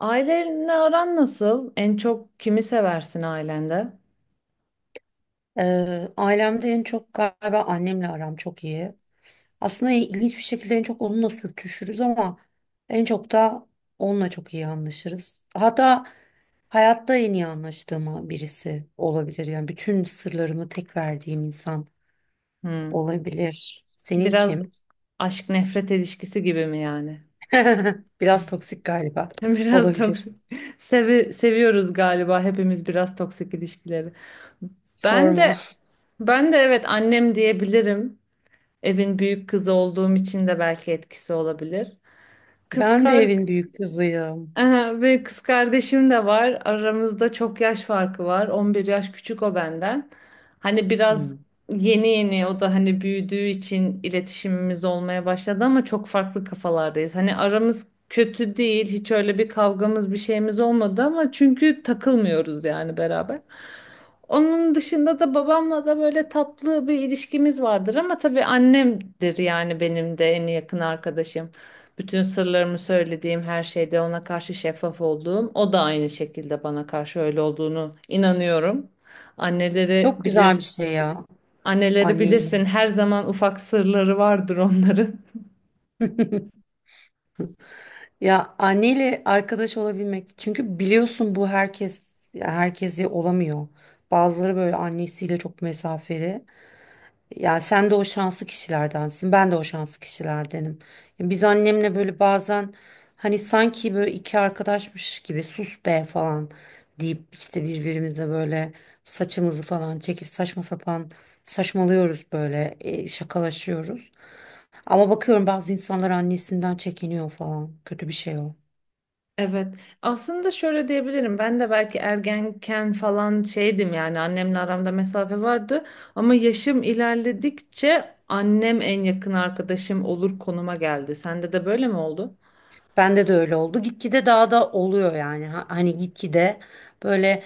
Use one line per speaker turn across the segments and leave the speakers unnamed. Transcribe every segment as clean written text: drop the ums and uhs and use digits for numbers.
Ailenle aran nasıl? En çok kimi seversin ailende?
Ailemde en çok galiba annemle aram çok iyi. Aslında ilginç bir şekilde en çok onunla sürtüşürüz ama en çok da onunla çok iyi anlaşırız. Hatta hayatta en iyi anlaştığım birisi olabilir. Yani bütün sırlarımı tek verdiğim insan
Hmm.
olabilir. Senin
Biraz
kim?
aşk nefret ilişkisi gibi mi yani?
Biraz toksik galiba.
Biraz
Olabilir.
toksik. Seviyoruz galiba hepimiz biraz toksik ilişkileri. Ben
Sorma.
de ben de evet annem diyebilirim. Evin büyük kızı olduğum için de belki etkisi olabilir. Kız
Ben de
kar
evin büyük kızıyım.
Aha, ve kız kardeşim de var. Aramızda çok yaş farkı var. 11 yaş küçük o benden. Hani biraz
Hmm.
yeni yeni o da hani büyüdüğü için iletişimimiz olmaya başladı ama çok farklı kafalardayız. Hani aramız kötü değil. Hiç öyle bir kavgamız bir şeyimiz olmadı ama çünkü takılmıyoruz yani beraber. Onun dışında da babamla da böyle tatlı bir ilişkimiz vardır ama tabii annemdir yani benim de en yakın arkadaşım. Bütün sırlarımı söylediğim her şeyde ona karşı şeffaf olduğum, o da aynı şekilde bana karşı öyle olduğunu inanıyorum. Anneleri
Çok güzel
bilir,
bir şey ya.
anneleri
Anneyle.
bilirsin her zaman ufak sırları vardır onların.
Ya anneyle arkadaş olabilmek. Çünkü biliyorsun bu herkes ya herkese olamıyor. Bazıları böyle annesiyle çok mesafeli. Ya sen de o şanslı kişilerdensin. Ben de o şanslı kişilerdenim. Ya biz annemle böyle bazen hani sanki böyle iki arkadaşmış gibi sus be falan deyip işte birbirimize böyle saçımızı falan çekip saçma sapan saçmalıyoruz böyle şakalaşıyoruz. Ama bakıyorum bazı insanlar annesinden çekiniyor falan. Kötü bir şey o.
Evet, aslında şöyle diyebilirim. Ben de belki ergenken falan şeydim yani annemle aramda mesafe vardı ama yaşım ilerledikçe annem en yakın arkadaşım olur konuma geldi. Sende de böyle mi oldu?
Bende de öyle oldu. Gitgide daha da oluyor yani. Hani gitgide böyle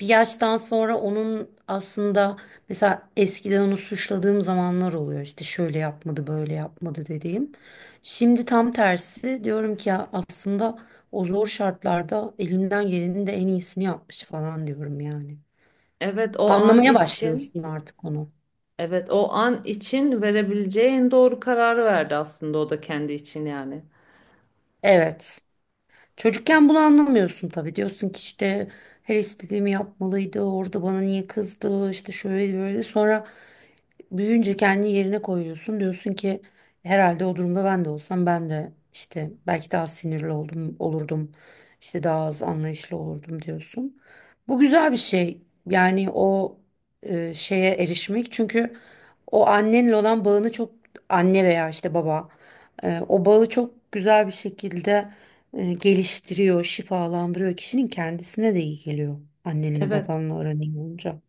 bir yaştan sonra onun aslında mesela eskiden onu suçladığım zamanlar oluyor. İşte şöyle yapmadı, böyle yapmadı dediğim. Şimdi tam tersi diyorum ki ya aslında o zor şartlarda elinden gelenin de en iyisini yapmış falan diyorum yani.
Evet, o an
Anlamaya
için.
başlıyorsun artık onu.
Evet, o an için verebileceği en doğru kararı verdi aslında o da kendi için yani.
Evet. Çocukken bunu anlamıyorsun tabii. Diyorsun ki işte her istediğimi yapmalıydı. Orada bana niye kızdı? İşte şöyle böyle. Sonra büyüyünce kendi yerine koyuyorsun. Diyorsun ki herhalde o durumda ben de olsam ben de işte belki daha sinirli oldum, olurdum. İşte daha az anlayışlı olurdum diyorsun. Bu güzel bir şey. Yani o şeye erişmek. Çünkü o annenle olan bağını çok anne veya işte baba o bağı çok güzel bir şekilde geliştiriyor, şifalandırıyor. Kişinin kendisine de iyi geliyor. Annenle
Evet.
babanla aran iyi olunca.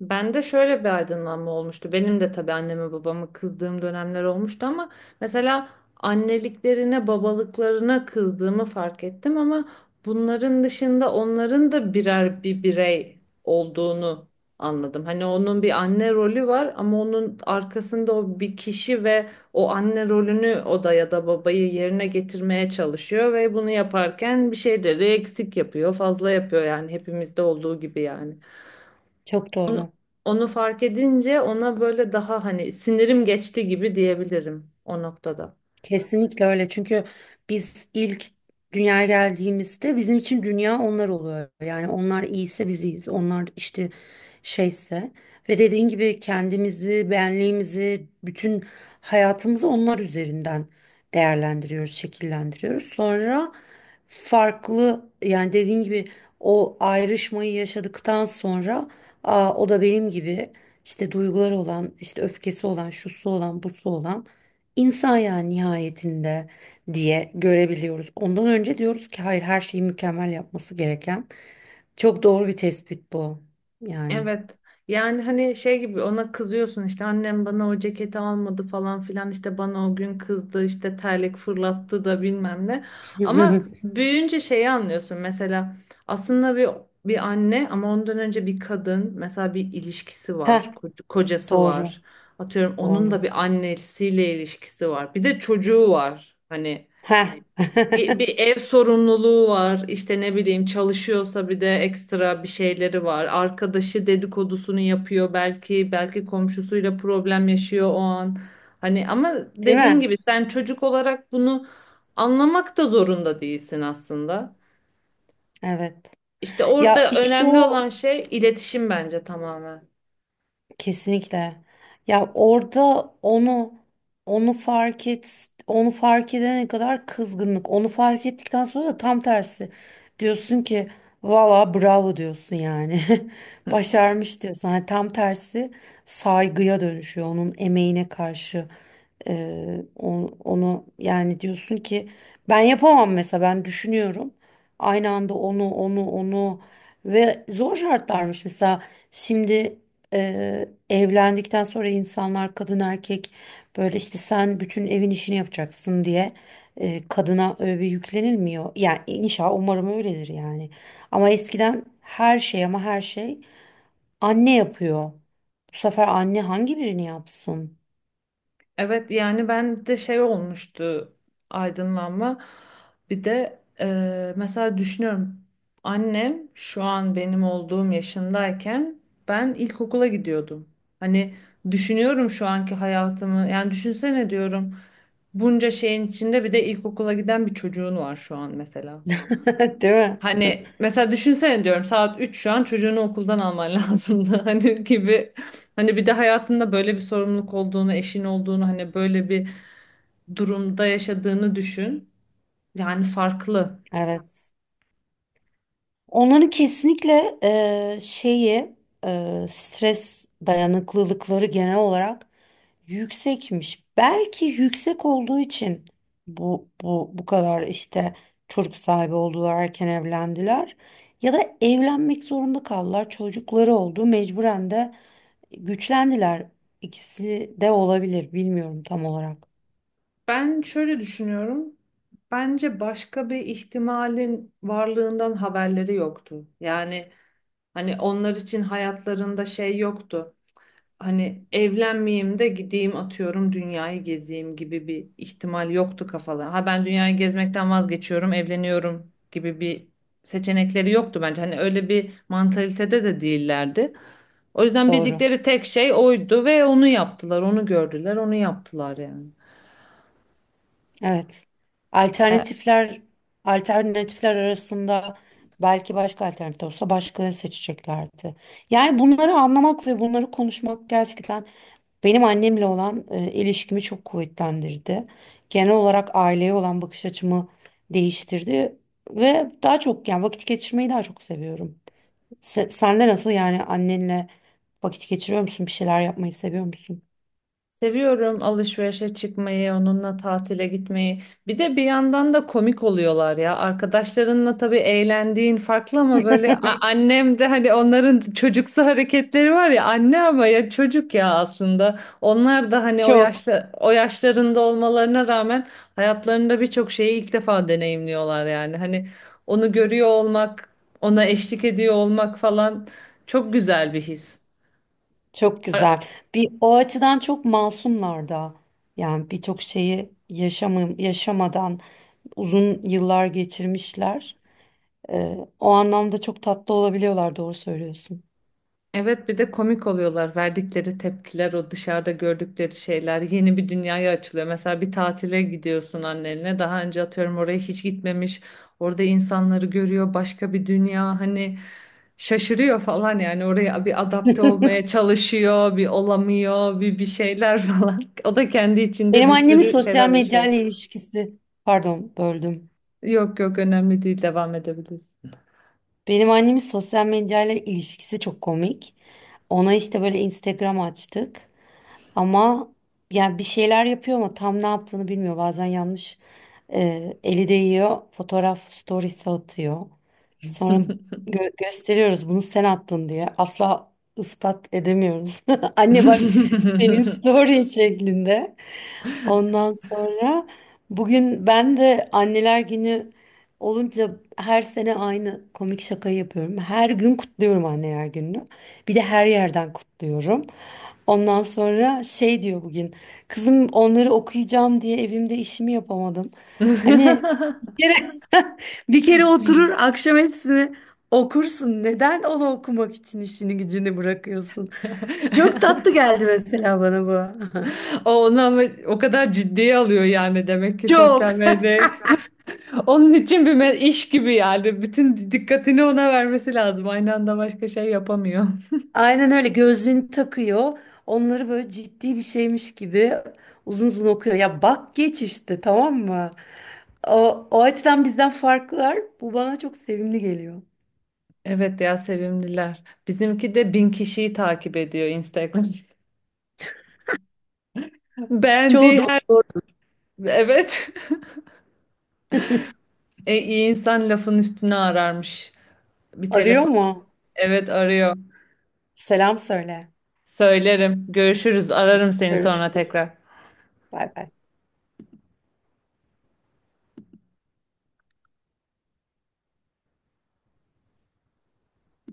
Bende şöyle bir aydınlanma olmuştu. Benim de tabii anneme babama kızdığım dönemler olmuştu ama mesela anneliklerine, babalıklarına kızdığımı fark ettim ama bunların dışında onların da birer birey olduğunu anladım. Hani onun bir anne rolü var ama onun arkasında o bir kişi ve o anne rolünü o da ya da babayı yerine getirmeye çalışıyor ve bunu yaparken bir şeyleri eksik yapıyor, fazla yapıyor yani hepimizde olduğu gibi yani.
Çok
Onu,
doğru.
onu fark edince ona böyle daha hani sinirim geçti gibi diyebilirim o noktada.
Kesinlikle öyle. Çünkü biz ilk dünyaya geldiğimizde bizim için dünya onlar oluyor. Yani onlar iyiyse biz iyiyiz. Onlar işte şeyse ve dediğin gibi kendimizi, benliğimizi, bütün hayatımızı onlar üzerinden değerlendiriyoruz, şekillendiriyoruz. Sonra farklı yani dediğin gibi o ayrışmayı yaşadıktan sonra aa, o da benim gibi işte duyguları olan, işte öfkesi olan, şusu olan, busu olan insan yani nihayetinde diye görebiliyoruz. Ondan önce diyoruz ki hayır her şeyi mükemmel yapması gereken. Çok doğru bir tespit bu. Yani.
Evet. Yani hani şey gibi ona kızıyorsun işte annem bana o ceketi almadı falan filan işte bana o gün kızdı işte terlik fırlattı da bilmem ne. Ama büyüyünce şeyi anlıyorsun mesela aslında bir anne ama ondan önce bir kadın mesela bir ilişkisi
Ha
var, kocası
doğru,
var. Atıyorum onun da
doğru.
bir annesiyle ilişkisi var. Bir de çocuğu var. Hani
Ha
bir ev sorumluluğu var. İşte ne bileyim çalışıyorsa bir de ekstra bir şeyleri var. Arkadaşı dedikodusunu yapıyor belki, belki komşusuyla problem yaşıyor o an. Hani ama
değil
dediğin
mi?
gibi sen çocuk olarak bunu anlamak da zorunda değilsin aslında.
Evet.
İşte
Ya
orada
işte
önemli
o
olan şey iletişim bence tamamen.
kesinlikle. Ya orada onu onu fark et onu fark edene kadar kızgınlık. Onu fark ettikten sonra da tam tersi. Diyorsun ki valla bravo diyorsun yani. Başarmış diyorsun. Hani tam tersi saygıya dönüşüyor onun emeğine karşı. Onu yani diyorsun ki ben yapamam mesela ben düşünüyorum. Aynı anda onu ve zor şartlarmış mesela şimdi evlendikten sonra insanlar kadın erkek böyle işte sen bütün evin işini yapacaksın diye kadına öyle yüklenilmiyor. Yani inşallah umarım öyledir yani. Ama eskiden her şey ama her şey anne yapıyor. Bu sefer anne hangi birini yapsın?
Evet yani ben de şey olmuştu aydınlanma. Bir de mesela düşünüyorum annem şu an benim olduğum yaşındayken ben ilkokula gidiyordum. Hani düşünüyorum şu anki hayatımı yani düşünsene diyorum bunca şeyin içinde bir de ilkokula giden bir çocuğun var şu an mesela.
Değil mi?
Hani mesela düşünsene diyorum saat 3 şu an çocuğunu okuldan alman lazımdı hani gibi. Hani bir de hayatında böyle bir sorumluluk olduğunu, eşin olduğunu, hani böyle bir durumda yaşadığını düşün. Yani farklı.
Evet. Onların kesinlikle şeyi stres dayanıklılıkları genel olarak yüksekmiş. Belki yüksek olduğu için bu kadar işte çocuk sahibi oldular, erken evlendiler ya da evlenmek zorunda kaldılar. Çocukları oldu, mecburen de güçlendiler. İkisi de olabilir, bilmiyorum tam olarak.
Ben şöyle düşünüyorum. Bence başka bir ihtimalin varlığından haberleri yoktu. Yani hani onlar için hayatlarında şey yoktu. Hani evlenmeyeyim de gideyim atıyorum dünyayı gezeyim gibi bir ihtimal yoktu kafalarında. Ha ben dünyayı gezmekten vazgeçiyorum, evleniyorum gibi bir seçenekleri yoktu bence. Hani öyle bir mantalitede de değillerdi. O yüzden
Doğru.
bildikleri tek şey oydu ve onu yaptılar, onu gördüler, onu yaptılar yani.
Evet.
E,
Alternatifler alternatifler arasında belki başka alternatif olsa başka seçeceklerdi. Yani bunları anlamak ve bunları konuşmak gerçekten benim annemle olan ilişkimi çok kuvvetlendirdi. Genel olarak aileye olan bakış açımı değiştirdi ve daha çok yani vakit geçirmeyi daha çok seviyorum. Sen de nasıl yani annenle vakit geçiriyor musun? Bir şeyler yapmayı seviyor musun?
Seviyorum alışverişe çıkmayı, onunla tatile gitmeyi. Bir de bir yandan da komik oluyorlar ya. Arkadaşlarınla tabii eğlendiğin farklı ama böyle annem de hani onların çocuksu hareketleri var ya anne ama ya çocuk ya aslında. Onlar da hani o
Çok.
yaşta o yaşlarında olmalarına rağmen hayatlarında birçok şeyi ilk defa deneyimliyorlar yani. Hani onu görüyor olmak, ona eşlik ediyor olmak falan çok güzel bir his.
Çok güzel. Bir o açıdan çok masumlar da. Yani birçok şeyi yaşamı, yaşamadan uzun yıllar geçirmişler. O anlamda çok tatlı olabiliyorlar, doğru söylüyorsun.
Evet bir de komik oluyorlar. Verdikleri tepkiler, o dışarıda gördükleri şeyler yeni bir dünyaya açılıyor. Mesela bir tatile gidiyorsun annenle. Daha önce atıyorum oraya hiç gitmemiş. Orada insanları görüyor, başka bir dünya. Hani şaşırıyor falan yani oraya bir adapte olmaya çalışıyor, bir olamıyor, bir şeyler falan. O da kendi içinde
Benim
bir
annemin
sürü
sosyal
şeyler yaşıyor.
medyayla ilişkisi, pardon böldüm.
Yok yok önemli değil devam edebiliriz.
Benim annemin sosyal medyayla ilişkisi çok komik. Ona işte böyle Instagram açtık. Ama yani bir şeyler yapıyor ama tam ne yaptığını bilmiyor. Bazen yanlış eli değiyor. Fotoğraf storiesi atıyor. Sonra gösteriyoruz bunu sen attın diye. Asla ispat edemiyoruz. Anne bak senin story şeklinde. Ondan sonra bugün ben de anneler günü olunca her sene aynı komik şakayı yapıyorum. Her gün kutluyorum anneler gününü. Bir de her yerden kutluyorum. Ondan sonra şey diyor bugün. Kızım onları okuyacağım diye evimde işimi yapamadım. Hani bir kere, bir kere oturur akşam hepsini okursun. Neden onu okumak için işini gücünü bırakıyorsun? Çok tatlı geldi mesela bana bu.
O onu ama o kadar ciddiye alıyor yani demek ki
Çok.
sosyal medya onun için bir iş gibi yani bütün dikkatini ona vermesi lazım aynı anda başka şey yapamıyor.
Aynen öyle gözlüğünü takıyor. Onları böyle ciddi bir şeymiş gibi uzun uzun okuyor. Ya bak geç işte tamam mı? O, o açıdan bizden farklılar. Bu bana çok sevimli geliyor.
Evet ya sevimliler bizimki de 1.000 kişiyi takip ediyor Instagram
Çoğu
beğendiği her
doktor.
evet iyi insan lafın üstüne ararmış bir
Arıyor
telefon
mu?
evet arıyor
Selam söyle.
söylerim görüşürüz ararım seni sonra
Görüşürüz.
tekrar.
Bay bay.